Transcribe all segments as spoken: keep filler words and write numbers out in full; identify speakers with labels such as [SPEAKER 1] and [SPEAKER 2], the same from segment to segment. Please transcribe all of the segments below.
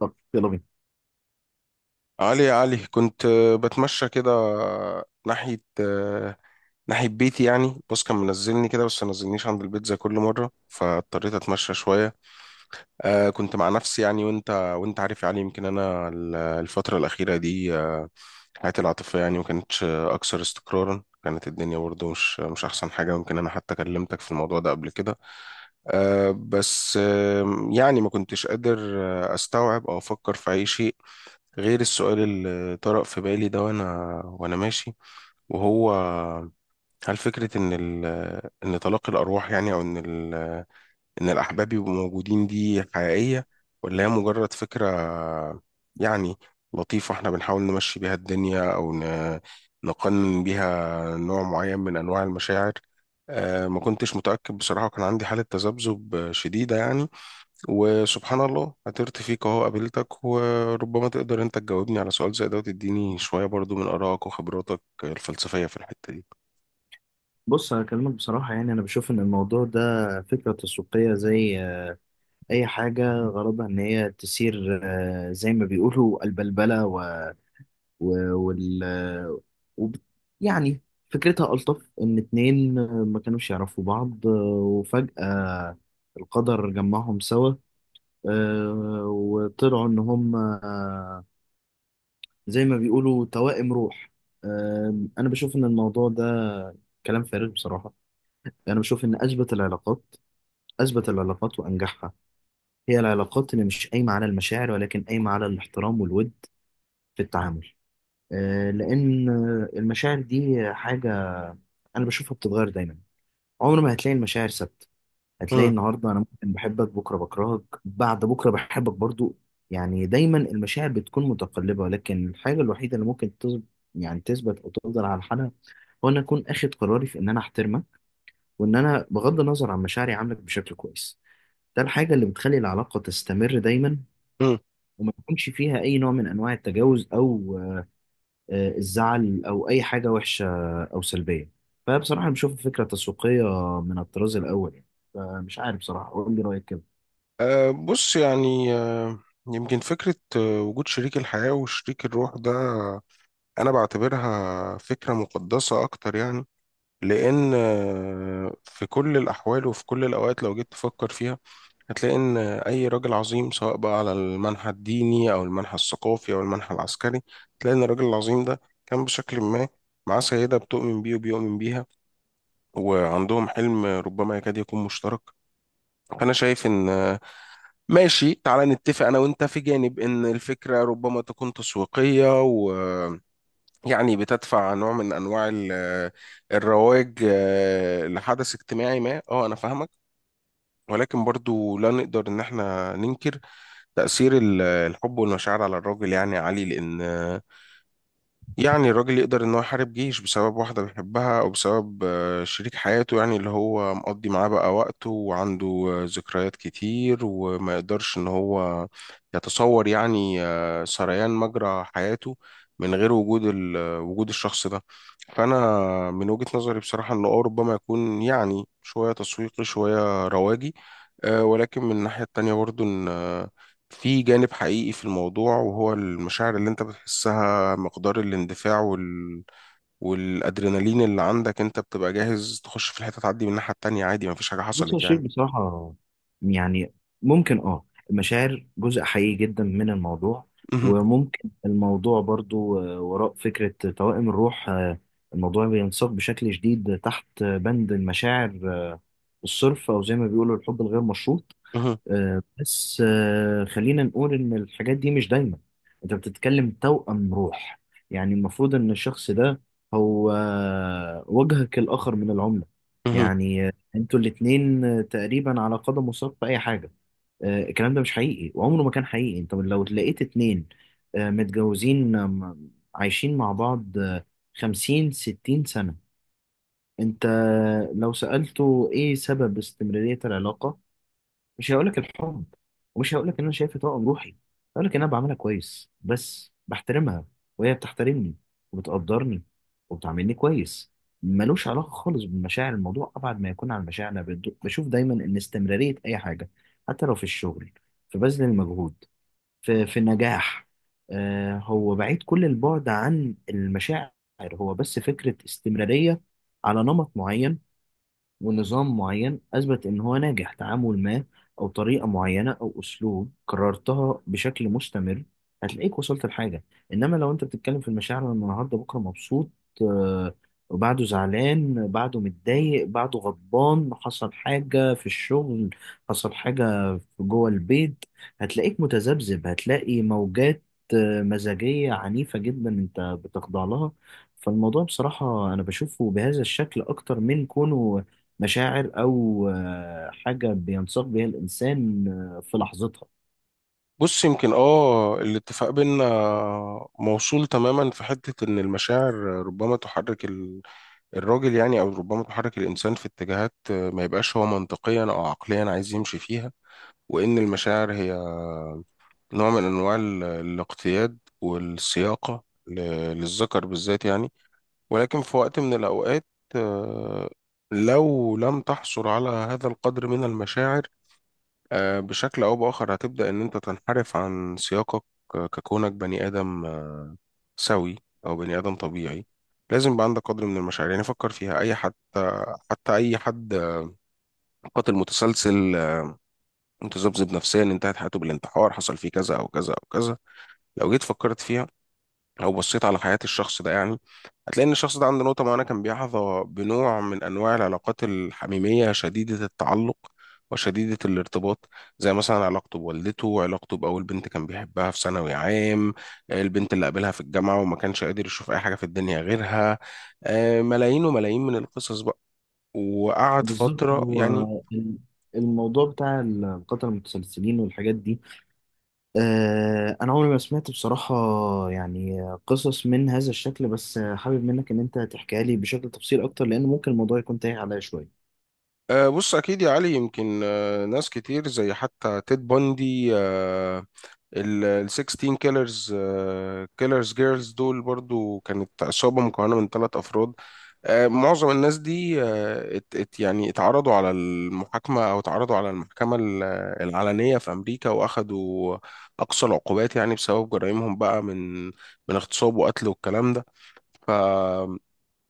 [SPEAKER 1] طب، يلا بينا.
[SPEAKER 2] علي يا علي كنت آه، بتمشى كده ناحية آه، ناحية بيتي. يعني بص، كان منزلني كده بس منزلنيش عند البيت زي كل مرة، فاضطريت أتمشى شوية. آه، كنت مع نفسي يعني. وأنت وأنت عارف يا علي، يمكن أنا ال- الفترة الأخيرة دي آه، حياتي العاطفية يعني ما كانتش آه، أكثر استقرارا، كانت الدنيا برضه مش مش أحسن حاجة. يمكن أنا حتى كلمتك في الموضوع ده قبل كده. آه، بس آه، يعني ما كنتش قادر آه، استوعب او افكر في اي شيء غير السؤال اللي طرأ في بالي ده وانا وانا ماشي. وهو، هل فكرة إن ال إن طلاق الأرواح يعني، أو إن ال إن الأحباب يبقوا موجودين دي حقيقية؟ ولا هي مجرد فكرة يعني لطيفة إحنا بنحاول نمشي بيها الدنيا، أو ن- نقنن بيها نوع معين من أنواع المشاعر؟ آه، ما كنتش متأكد بصراحة، وكان عندي حالة تذبذب شديدة يعني. وسبحان الله، عثرت فيك اهو، قابلتك، وربما تقدر انت تجاوبني على سؤال زي ده وتديني شوية برضو من آرائك وخبراتك الفلسفية في الحتة دي.
[SPEAKER 1] بص، هكلمك بصراحة. يعني أنا بشوف إن الموضوع ده فكرة تسويقية زي آه، أي حاجة غرضها إن هي تثير، آه، زي ما بيقولوا البلبلة و... و... وال... آه، وب... يعني فكرتها ألطف، إن اتنين آه، ما كانوش يعرفوا بعض، آه، وفجأة القدر جمعهم سوا، آه، وطلعوا إن هم آه، زي ما بيقولوا توائم روح. آه، أنا بشوف إن الموضوع ده كلام فارغ بصراحة. أنا بشوف إن أثبت العلاقات، أثبت العلاقات وأنجحها، هي العلاقات اللي مش قايمة على المشاعر ولكن قايمة على الاحترام والود في التعامل. آه، لأن آه، المشاعر دي حاجة أنا بشوفها بتتغير دايما. عمر ما هتلاقي المشاعر ثابتة. هتلاقي
[SPEAKER 2] مم.
[SPEAKER 1] النهاردة أنا ممكن بحبك، بكرة بكرهك، بعد بكرة بحبك برضو. يعني دايما المشاعر بتكون متقلبة، ولكن الحاجة الوحيدة اللي ممكن تثبت، يعني تثبت أو تفضل على حالها، هو أن أكون أخد قراري في إن أنا أحترمك، وإن أنا بغض النظر عن مشاعري عاملك بشكل كويس. ده الحاجة اللي بتخلي العلاقة تستمر دايما،
[SPEAKER 2] مم.
[SPEAKER 1] وما يكونش فيها أي نوع من أنواع التجاوز أو آه، الزعل أو أي حاجة وحشة أو سلبية. فبصراحة أنا بشوف فكرة تسويقية من الطراز الأول يعني. فمش عارف بصراحة، قول لي رأيك كده.
[SPEAKER 2] أه، بص يعني أه، يمكن فكرة آه، وجود شريك الحياة وشريك الروح ده أنا بعتبرها فكرة مقدسة أكتر يعني. لأن آه، في كل الأحوال وفي كل الأوقات، لو جيت تفكر فيها هتلاقي إن أي راجل عظيم، سواء بقى على المنحى الديني أو المنحى الثقافي أو المنحى العسكري، تلاقي إن الراجل العظيم ده كان بشكل ما معاه سيدة بتؤمن بيه وبيؤمن بيها، وعندهم حلم ربما يكاد يكون مشترك. فأنا شايف إن، ماشي، تعالى نتفق أنا وأنت في جانب إن الفكرة ربما تكون تسويقية، ويعني بتدفع نوع من أنواع ال- الرواج آه، لحدث اجتماعي ما، أه أنا فاهمك. ولكن برضو لا نقدر إن إحنا ننكر تأثير ال- الحب والمشاعر على الراجل، يعني عالي. لأن يعني الراجل يقدر ان هو يحارب جيش بسبب واحدة بيحبها، او بسبب آه، شريك حياته يعني، اللي هو مقضي معاه بقى وقته وعنده آه، ذكريات كتير، وما يقدرش ان هو يتصور يعني آه، سريان مجرى حياته من غير وجود ال- آه، وجود الشخص ده. فانا من وجهة نظري بصراحة انه اه ربما يكون يعني شوية تسويقي شوية رواجي، آه، ولكن من الناحية التانية برضو ان آه، في جانب حقيقي في الموضوع، وهو المشاعر اللي انت بتحسها، مقدار الاندفاع وال... والادرينالين اللي عندك. انت بتبقى جاهز تخش في الحته، تعدي من الناحيه التانيه عادي، مفيش حاجه
[SPEAKER 1] بص يا
[SPEAKER 2] حصلت
[SPEAKER 1] شيخ،
[SPEAKER 2] يعني.
[SPEAKER 1] بصراحة يعني ممكن اه المشاعر جزء حقيقي جدا من الموضوع.
[SPEAKER 2] مهم.
[SPEAKER 1] وممكن الموضوع برضو آه، وراء فكرة توائم الروح، آه، الموضوع بينساق بشكل شديد تحت بند المشاعر آه، الصرف، أو زي ما بيقولوا الحب الغير مشروط.
[SPEAKER 2] مهم.
[SPEAKER 1] آه، بس آه، خلينا نقول إن الحاجات دي مش دايما. أنت بتتكلم توأم روح، يعني المفروض إن الشخص ده هو آه، وجهك الآخر من العملة.
[SPEAKER 2] مهم.
[SPEAKER 1] يعني آه، أنتوا الاتنين آه، تقريبا على قدم وساق في أي حاجة. آه، الكلام ده مش حقيقي وعمره ما كان حقيقي. أنت لو لقيت اتنين آه، متجوزين، آه، م- عايشين مع بعض آه، خمسين ستين سنة، أنت لو سألته إيه سبب استمرارية العلاقة، مش هقولك الحب، ومش هقولك ان انا شايف طاقة بروحي. هقولك ان انا بعملها كويس بس، بحترمها وهي بتحترمني وبتقدرني وبتعاملني كويس. ملوش علاقة خالص بالمشاعر، الموضوع أبعد ما يكون عن المشاعر. أنا بد- بشوف دايما إن استمرارية أي حاجة، حتى لو في الشغل، في بذل المجهود، في في النجاح، آه هو بعيد كل البعد عن المشاعر. هو بس فكرة استمرارية على نمط معين ونظام معين أثبت إن هو ناجح، تعامل ما أو طريقة معينة أو أسلوب كررتها بشكل مستمر، هتلاقيك وصلت لحاجة. إنما لو أنت بتتكلم في المشاعر، أنا النهاردة بكرة مبسوط، آه، وبعده زعلان، بعده متضايق، بعده غضبان، حصل حاجة في الشغل، حصل حاجة في جوه البيت، هتلاقيك متذبذب، هتلاقي موجات آه، مزاجية عنيفة جدا أنت بتخضع لها. فالموضوع بصراحة أنا بشوفه بهذا الشكل أكتر من كونه مشاعر أو آه، حاجة بينساق بيها الإنسان آه، في لحظتها.
[SPEAKER 2] بص، يمكن اه الاتفاق بينا موصول تماما في حته ان المشاعر ربما تحرك ال... الراجل يعني، او ربما تحرك الانسان في اتجاهات ما يبقاش هو منطقيا او عقليا عايز يمشي فيها. وان المشاعر هي نوع من انواع ال- الاقتياد والسياقه ل- للذكر بالذات يعني. ولكن في وقت من الأوقات، آه، لو لم تحصل على هذا القدر من المشاعر آه، بشكل أو بآخر، هتبدأ إن أنت تنحرف عن سياقك، آه، ككونك بني آدم آه، سوي، أو بني آدم طبيعي. لازم يبقى عندك قدر من المشاعر. يعني فكر فيها أي حتى، حتى أي حد قاتل متسلسل، آه، متذبذب نفسيا، انتهت حياته بالانتحار، حصل فيه كذا أو كذا أو كذا، لو جيت فكرت فيها، لو بصيت على حياة الشخص ده يعني، هتلاقي إن الشخص ده عنده نقطة معينة كان بيحظى بنوع من أنواع العلاقات الحميمية شديدة التعلق وشديدة الارتباط، زي مثلا علاقته بوالدته، علاقته بأول بنت كان بيحبها في ثانوي عام، البنت اللي قابلها في الجامعة وما كانش قادر يشوف أي حاجة في الدنيا غيرها. آه، ملايين وملايين من القصص بقى، وقعد
[SPEAKER 1] بالظبط،
[SPEAKER 2] فترة
[SPEAKER 1] هو
[SPEAKER 2] يعني.
[SPEAKER 1] ال- الموضوع بتاع القتلة المتسلسلين والحاجات دي، آه، أنا عمري ما سمعت بصراحة يعني قصص من هذا الشكل. بس آه، حابب منك إن أنت تحكيها لي بشكل تفصيل أكتر، لأن ممكن الموضوع يكون تايه عليا شوية.
[SPEAKER 2] آه، بص أكيد يا علي، يمكن آه، ناس كتير زي حتى تيد بوندي آه، ال ال ستاشر كيلرز، كيلرز جيرلز دول، برضو كانت عصابة مكونة من ثلاث أفراد. آه، معظم الناس دي آه، ات ات يعني اتعرضوا على المحاكمة، أو اتعرضوا على المحكمة ال- العلنية في أمريكا، وأخدوا أقصى العقوبات يعني، بسبب جرائمهم بقى من من اغتصاب وقتل والكلام ده. فلما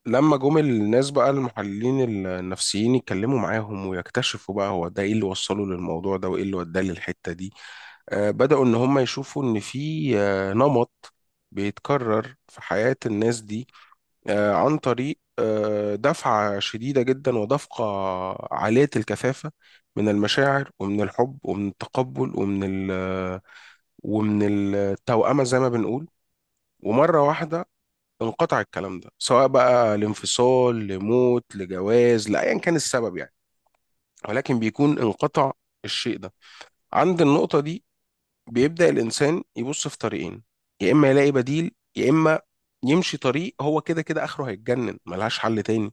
[SPEAKER 2] جم الناس بقى المحللين النفسيين يتكلموا معاهم، ويكتشفوا بقى هو ده ايه اللي وصله للموضوع ده وايه اللي وداه للحتة دي، آه، بدأوا إن هم يشوفوا إن في آه، نمط بيتكرر في حياة الناس دي، آه، عن طريق آه، دفعة شديدة جدا ودفقة عالية الكثافة من المشاعر ومن الحب ومن التقبل ومن ال ومن التوأمة زي ما بنقول. ومرة واحدة انقطع الكلام ده، سواء بقى لانفصال، لموت، لجواز، لأيا كان السبب يعني. ولكن بيكون انقطع الشيء ده. عند النقطة دي بيبدأ الإنسان يبص في طريقين: يا إما يلاقي بديل، يا إما يمشي طريق هو كده كده آخره هيتجنن، ملهاش حل تاني.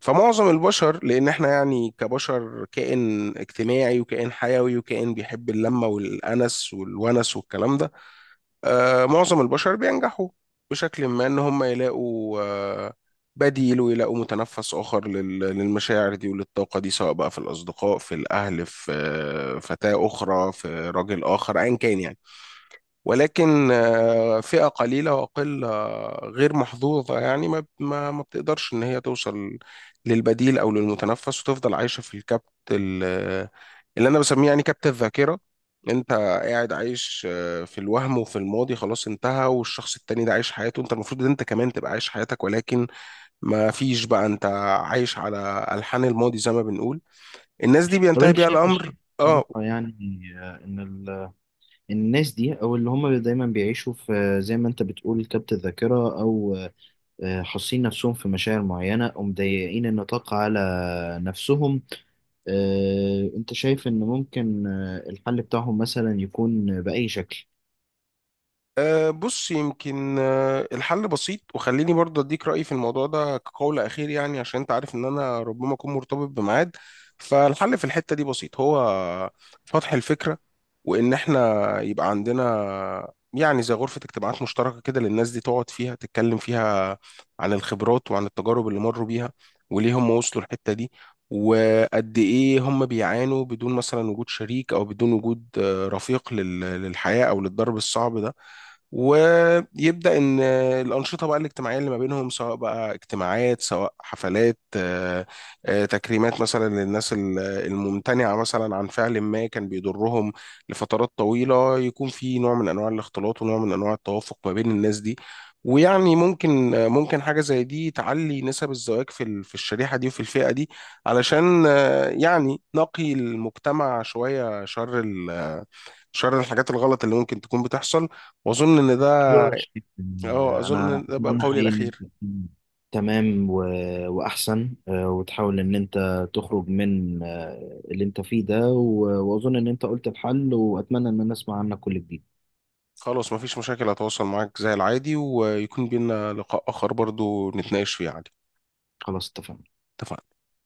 [SPEAKER 2] فمعظم البشر، لأن إحنا يعني كبشر كائن اجتماعي وكائن حيوي وكائن بيحب اللمة والأنس والونس والكلام ده، آه معظم البشر بينجحوا بشكل ما إن هم يلاقوا آه بديل، ويلاقوا متنفس آخر لل- للمشاعر دي وللطاقة دي، سواء بقى في الأصدقاء، في الأهل، في آه، فتاة أخرى، في راجل آخر، أيا كان يعني. ولكن آه، فئة قليلة وأقل آه، غير محظوظة يعني ما ما ما بتقدرش إن هي توصل للبديل أو للمتنفس، وتفضل عايشة في الكبت ال- اللي أنا بسميه يعني كبت الذاكرة. أنت قاعد عايش آه، في الوهم وفي الماضي، خلاص انتهى، والشخص التاني ده عايش حياته. أنت المفروض إن أنت كمان تبقى عايش حياتك، ولكن ما فيش بقى، أنت عايش على ألحان الماضي زي ما بنقول. الناس دي
[SPEAKER 1] طب
[SPEAKER 2] بينتهي
[SPEAKER 1] أنت
[SPEAKER 2] بيها
[SPEAKER 1] شايف
[SPEAKER 2] الأمر.
[SPEAKER 1] الشيء
[SPEAKER 2] اه،
[SPEAKER 1] بصراحة، يعني آه، إن ال- الناس دي، أو اللي هم دايما بيعيشوا في، آه، زي ما أنت بتقول، كبت الذاكرة، أو آه، حاسين نفسهم في مشاعر معينة، أو مضيقين النطاق على نفسهم، آه، أنت شايف إن ممكن آه، الحل بتاعهم مثلا يكون بأي شكل؟
[SPEAKER 2] أه، بص يمكن أه الحل بسيط، وخليني برضه اديك رأيي في الموضوع ده كقول أخير يعني، عشان انت عارف ان انا ربما اكون مرتبط بميعاد. فالحل في الحتة دي بسيط، هو فتح الفكرة، وان احنا يبقى عندنا يعني زي غرفة اجتماعات مشتركة كده للناس دي، تقعد فيها، تتكلم فيها عن الخبرات وعن التجارب اللي مروا بيها، وليه هم وصلوا الحتة دي، وقد ايه هم بيعانوا بدون مثلا وجود شريك، او بدون وجود آه، رفيق لل- للحياة او للضرب الصعب ده. ويبدأ إن الأنشطة بقى الاجتماعية اللي ما بينهم، سواء بقى اجتماعات، سواء حفلات، آه، آه، تكريمات مثلا للناس ال- الممتنعة مثلا عن فعل ما كان بيضرهم لفترات طويلة، يكون في نوع من أنواع الاختلاط ونوع من أنواع التوافق ما بين الناس دي. ويعني ممكن آه، ممكن حاجة زي دي تعلي نسب الزواج في ال- في الشريحة دي وفي الفئة دي، علشان آه، يعني نقي المجتمع شوية شر ال- شر الحاجات الغلط اللي ممكن تكون بتحصل. واظن ان ده، اه اظن
[SPEAKER 1] أنا
[SPEAKER 2] ان ده بقى
[SPEAKER 1] أتمنى
[SPEAKER 2] قولي
[SPEAKER 1] حقيقي إن أنت
[SPEAKER 2] الاخير.
[SPEAKER 1] تكون تمام و... وأحسن، آه، وتحاول إن أنت تخرج من آه، اللي أنت فيه ده، و... وأظن إن أنت قلت الحل، وأتمنى إن أنا أسمع عنك كل جديد.
[SPEAKER 2] خلاص، مفيش مشاكل، هتواصل معاك زي العادي، ويكون بينا لقاء اخر برضو نتناقش فيه عادي.
[SPEAKER 1] خلاص، اتفقنا.
[SPEAKER 2] اتفقنا.